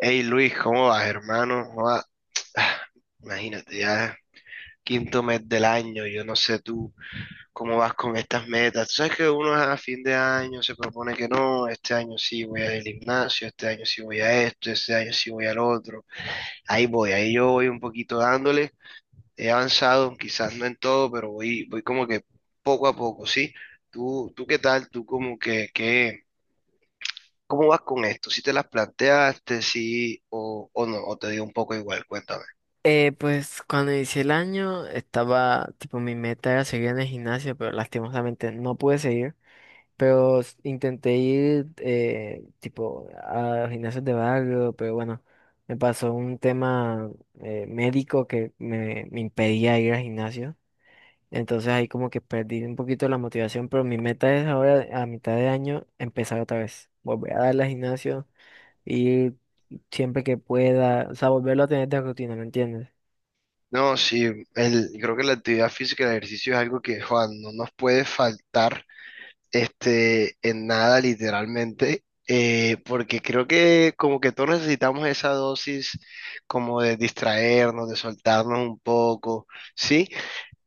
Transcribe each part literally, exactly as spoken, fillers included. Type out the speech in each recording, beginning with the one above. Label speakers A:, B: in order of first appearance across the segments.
A: Hey Luis, ¿cómo vas, hermano? ¿Cómo vas? Ah, Imagínate, ya quinto mes del año, yo no sé tú cómo vas con estas metas. Tú sabes que uno a fin de año se propone que no, este año sí voy al gimnasio, este año sí voy a esto, este año sí voy al otro. Ahí voy, ahí yo voy un poquito dándole. He avanzado, quizás no en todo, pero voy, voy como que poco a poco, ¿sí? ¿Tú, tú qué tal? ¿Tú como que, qué, cómo vas con esto? ¿Si te las planteaste, sí o, o no? ¿O te dio un poco igual? Cuéntame.
B: Eh, pues cuando inicié el año estaba, tipo, mi meta era seguir en el gimnasio, pero lastimosamente no pude seguir. Pero s- intenté ir, eh, tipo, a gimnasios de barrio, pero bueno, me pasó un tema eh, médico que me, me impedía ir al gimnasio. Entonces ahí como que perdí un poquito la motivación, pero mi meta es ahora, a mitad de año, empezar otra vez. Volver a darle al gimnasio, ir siempre que pueda, o sea, volverlo a tener de rutina, ¿me entiendes?
A: No, sí, el, creo que la actividad física, el ejercicio es algo que, Juan, no nos puede faltar este, en nada, literalmente, eh, porque creo que como que todos necesitamos esa dosis como de distraernos, de soltarnos un poco, ¿sí?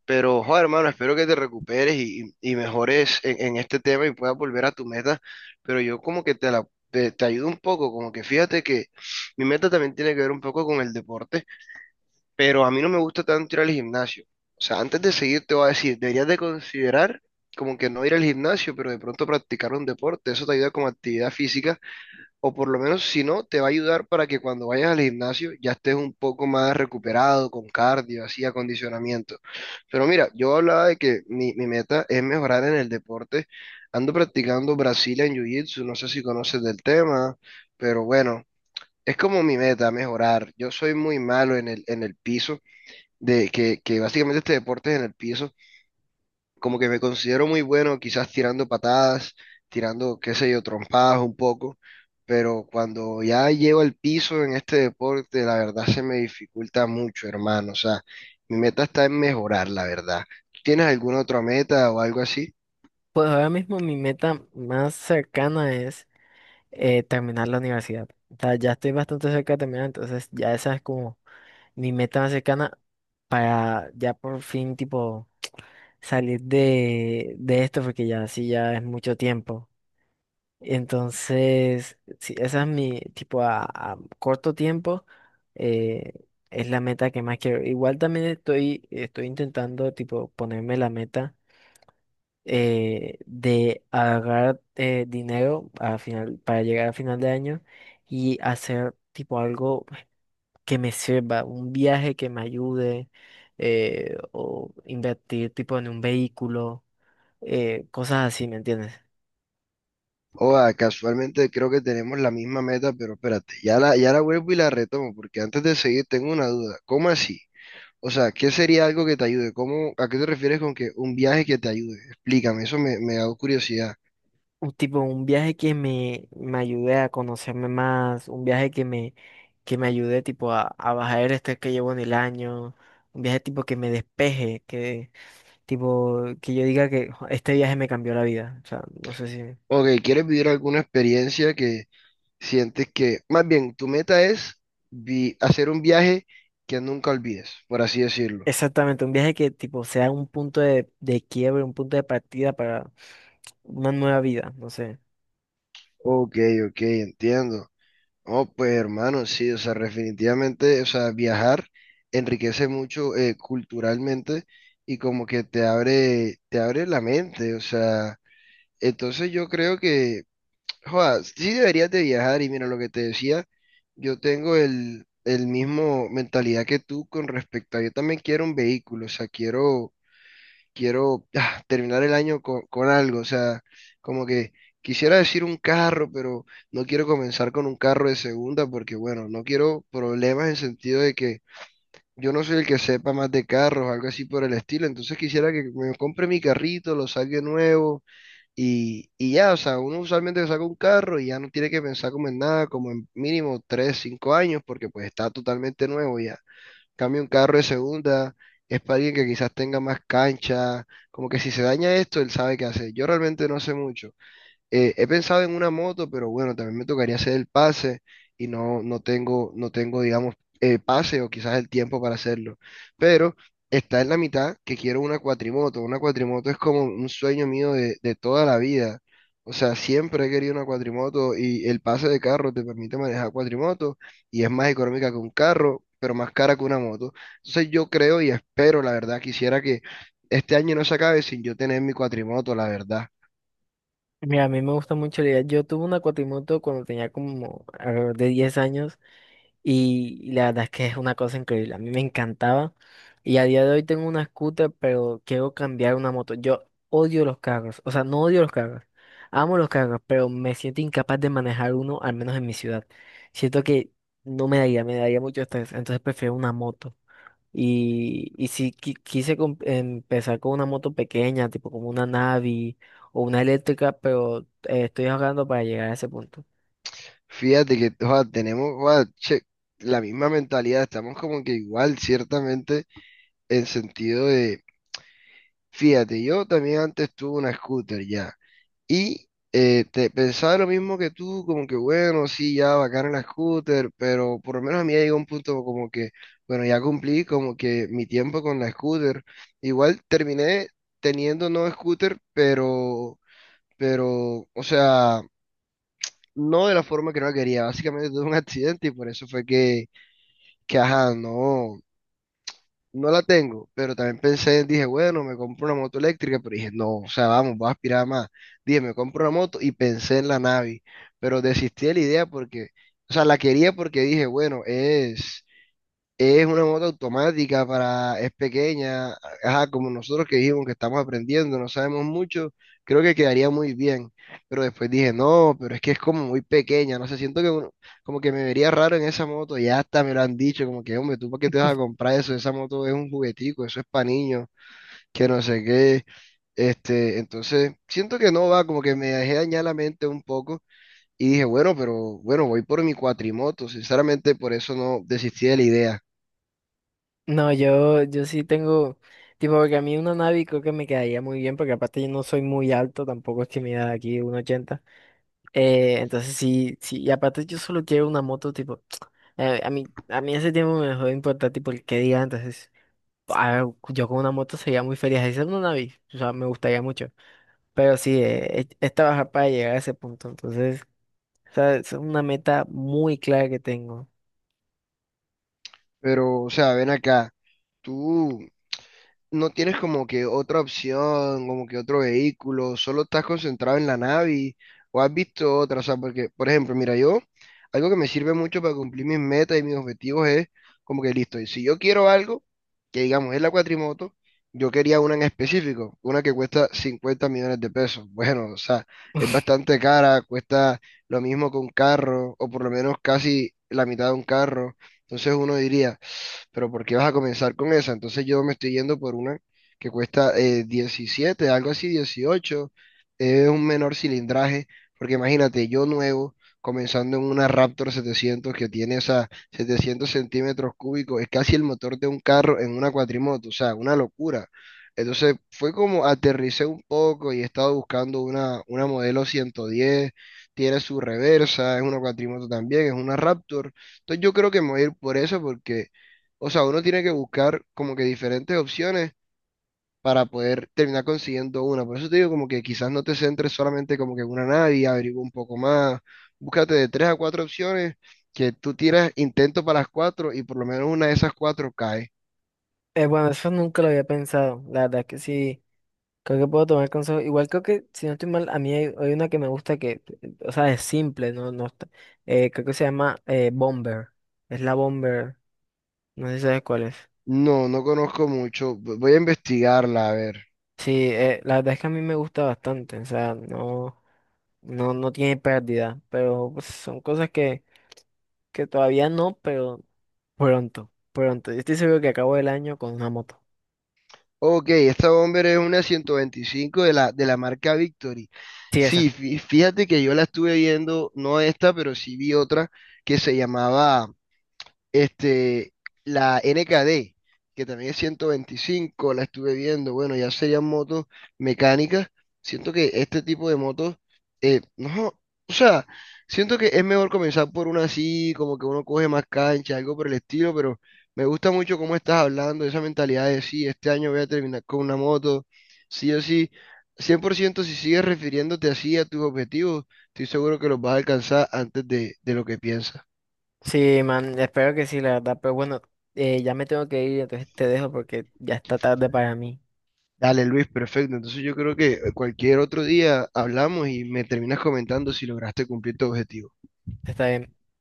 A: Pero, Juan, hermano, espero que te recuperes y, y- y mejores en, en este tema y puedas volver a tu meta, pero yo como que te la... Te, te ayudo un poco, como que fíjate que mi meta también tiene que ver un poco con el deporte pero a mí no me gusta tanto ir al gimnasio. O sea, antes de seguir te voy a decir, deberías de considerar como que no ir al gimnasio, pero de pronto practicar un deporte, eso te ayuda como actividad física, o por lo menos si no, te va a ayudar para que cuando vayas al gimnasio ya estés un poco más recuperado, con cardio, así, acondicionamiento. Pero mira, yo hablaba de que mi, mi meta es mejorar en el deporte. Ando practicando Brazilian Jiu-Jitsu, no sé si conoces del tema, pero bueno, es como mi meta, mejorar. Yo soy muy malo en el, en el piso de que, que básicamente este deporte es en el piso, como que me considero muy bueno, quizás tirando patadas, tirando, qué sé yo, trompadas un poco, pero cuando ya llego al piso en este deporte, la verdad se me dificulta mucho, hermano. O sea, mi meta está en mejorar, la verdad. ¿Tú tienes alguna otra meta o algo así?
B: Pues ahora mismo mi meta más cercana es eh, terminar la universidad. O sea, ya estoy bastante cerca de terminar, entonces ya esa es como mi meta más cercana para ya por fin tipo salir de, de esto, porque ya sí ya es mucho tiempo. Entonces, sí, esa es mi tipo a, a corto tiempo, eh, es la meta que más quiero. Igual también estoy, estoy intentando tipo ponerme la meta eh, de agarrar eh, dinero a final, para llegar a final de año y hacer tipo algo que me sirva, un viaje que me ayude eh, o invertir tipo en un vehículo, eh, cosas así, ¿me entiendes?
A: O ah, casualmente creo que tenemos la misma meta, pero espérate, ya la, ya la vuelvo y la retomo, porque antes de seguir tengo una duda. ¿Cómo así? O sea, ¿qué sería algo que te ayude? ¿Cómo, a qué te refieres con que un viaje que te ayude? Explícame, eso me, me da curiosidad.
B: Un tipo, un viaje que me, me ayude a conocerme más, un viaje que me, que me ayude tipo a, a bajar el estrés que llevo en el año, un viaje tipo que me despeje. Tipo, que yo diga que "Jo, este viaje me cambió la vida". O sea, no sé si...
A: Ok, ¿quieres vivir alguna experiencia que sientes que, más bien, tu meta es vi- hacer un viaje que nunca olvides, por así decirlo?
B: Exactamente, un viaje que tipo sea un punto de, de quiebre, un punto de partida para una nueva vida, no sé.
A: Ok, ok, entiendo. Oh, pues hermano, sí, o sea, definitivamente, o sea, viajar enriquece mucho eh, culturalmente y como que te abre, te abre la mente, o sea, entonces yo creo que Joda, sí deberías de viajar y mira lo que te decía, yo tengo el, el mismo mentalidad que tú con respecto a, yo también quiero un vehículo, o sea, quiero, quiero ah, terminar el año con, con algo, o sea, como que quisiera decir un carro, pero no quiero comenzar con un carro de segunda porque, bueno, no quiero problemas en sentido de que yo no soy el que sepa más de carros, algo así por el estilo, entonces quisiera que me compre mi carrito, lo saque nuevo y, y ya, o sea, uno usualmente saca un carro y ya no tiene que pensar como en nada, como en mínimo tres cinco años, porque pues está totalmente nuevo ya. Cambio un carro de segunda, es para alguien que quizás tenga más cancha, como que si se daña esto, él sabe qué hacer. Yo realmente no sé mucho. Eh, he pensado en una moto, pero bueno, también me tocaría hacer el pase y no, no tengo, no tengo, digamos, el pase o quizás el tiempo para hacerlo. Pero está en la mitad que quiero una cuatrimoto. Una cuatrimoto es como un sueño mío de, de toda la vida. O sea, siempre he querido una cuatrimoto y el pase de carro te permite manejar cuatrimoto y es más económica que un carro, pero más cara que una moto. Entonces yo creo y espero, la verdad, quisiera que este año no se acabe sin yo tener mi cuatrimoto, la verdad.
B: Mira, a mí me gusta mucho la idea. Yo tuve una cuatrimoto cuando tenía como alrededor de diez años. Y la verdad es que es una cosa increíble. A mí me encantaba. Y a día de hoy tengo una scooter, pero quiero cambiar una moto. Yo odio los carros. O sea, no odio los carros. Amo los carros, pero me siento incapaz de manejar uno, al menos en mi ciudad. Siento que no me daría, me daría mucho estrés. Entonces prefiero una moto. Y, y si qui- quise com- empezar con una moto pequeña, tipo como una Navi o una eléctrica, pero eh, estoy ahorrando para llegar a ese punto.
A: Fíjate que joda, tenemos joda, che, la misma mentalidad, estamos como que igual, ciertamente, en sentido de, fíjate, yo también antes tuve una scooter ya, y eh, te, pensaba lo mismo que tú, como que bueno, sí, ya bacana la scooter, pero por lo menos a mí ya llegó un punto como que, bueno, ya cumplí como que mi tiempo con la scooter, igual terminé teniendo no scooter, pero, pero, o sea no de la forma que no la quería. Básicamente tuve un accidente y por eso fue que, que ajá, no, no la tengo. Pero también pensé, dije, bueno, me compro una moto eléctrica, pero dije, no, o sea, vamos, voy a aspirar más. Dije, me compro una moto y pensé en la Navi, pero desistí de la idea porque, o sea, la quería porque dije, bueno, es es una moto automática para, es pequeña, ajá, como nosotros que dijimos que estamos aprendiendo, no sabemos mucho, creo que quedaría muy bien. Pero después dije, no, pero es que es como muy pequeña, no sé, siento que uno- como que me vería raro en esa moto, ya hasta me lo han dicho, como que, hombre, ¿tú para qué te vas a comprar eso? Esa moto es un juguetico, eso es para niños, que no sé qué. Este, entonces, siento que no va, como que me dejé dañar la mente un poco y dije, bueno, pero bueno, voy por mi cuatrimoto, sinceramente por eso no desistí de la idea.
B: No, yo, yo sí tengo, tipo, porque a mí una Navi creo que me quedaría muy bien, porque aparte yo no soy muy alto, tampoco es que me da aquí uno ochenta. Eh, entonces sí, sí, y aparte yo solo quiero una moto, tipo, eh, a mí, a mí ese tiempo me dejó de importar, tipo, el que diga. Entonces, ah, yo con una moto sería muy feliz, así sea una Navi, o sea, me gustaría mucho, pero sí, eh, es, es trabajar para llegar a ese punto, entonces, o sea, es una meta muy clara que tengo.
A: Pero, o sea, ven acá, tú no tienes como que otra opción, como que otro vehículo, solo estás concentrado en la Navi o has visto otra, o sea, porque, por ejemplo, mira, yo, algo que me sirve mucho para cumplir mis metas y mis objetivos es como que listo, y si yo quiero algo, que digamos es la cuatrimoto, yo quería una en específico, una que cuesta cincuenta millones de pesos. Bueno, o sea, es bastante cara, cuesta lo mismo que un carro, o por lo menos casi la mitad de un carro. Entonces uno diría pero ¿por qué vas a comenzar con esa? Entonces yo me estoy yendo por una que cuesta eh, diecisiete, algo así, dieciocho es un menor cilindraje, porque imagínate, yo nuevo, comenzando en una Raptor setecientos que tiene esas setecientos centímetros cúbicos, es casi el motor de un carro en una cuatrimoto, o sea, una locura. Entonces fue como aterricé un poco y he estado buscando una, una modelo ciento diez tiene su reversa, es una cuatrimoto también, es una Raptor. Entonces yo creo que me voy a ir por eso porque o sea, uno tiene que buscar como que diferentes opciones para poder terminar consiguiendo una. Por eso te digo como que quizás no te centres solamente como que en una nadie, averigua un poco más, búscate de tres a cuatro opciones que tú tiras intento para las cuatro y por lo menos una de esas cuatro cae.
B: Eh, bueno, eso nunca lo había pensado, la verdad que sí. Creo que puedo tomar consejos. Igual creo que, si no estoy mal, a mí hay, hay una que me gusta que, eh, o sea, es simple, no, no está- eh, creo que se llama eh, Bomber. Es la Bomber. No sé si sabes cuál es.
A: No, no conozco mucho. v- Voy a investigarla, a ver.
B: Sí, eh, la verdad es que a mí me gusta bastante. O sea, no, no, no tiene pérdida. Pero pues, son cosas que, que todavía no, pero pronto, pronto. Yo estoy seguro que acabo el año con una moto.
A: Ok, esta bomber es una ciento veinticinco de la, de la marca Victory.
B: Sí, esa.
A: Sí, fí- fíjate que yo la estuve viendo, no esta, pero sí vi otra que se llamaba Este, la N K D, que también es ciento veinticinco, la estuve viendo, bueno, ya serían motos mecánicas. Siento que este tipo de motos, eh, no, o sea, siento que es mejor comenzar por una así, como que uno coge más cancha, algo por el estilo, pero me gusta mucho cómo estás hablando, esa mentalidad de sí, este año voy a terminar con una moto, sí o sí. Cien por ciento si sigues refiriéndote así a tus objetivos, estoy seguro que los vas a alcanzar antes de, de lo que piensas.
B: Sí, man, espero que sí, la verdad. Pero bueno, eh, ya me tengo que ir, entonces te dejo porque ya está tarde para mí.
A: Dale, Luis, perfecto. Entonces yo creo que cualquier otro día hablamos y me terminas comentando si lograste cumplir tu objetivo.
B: Está bien.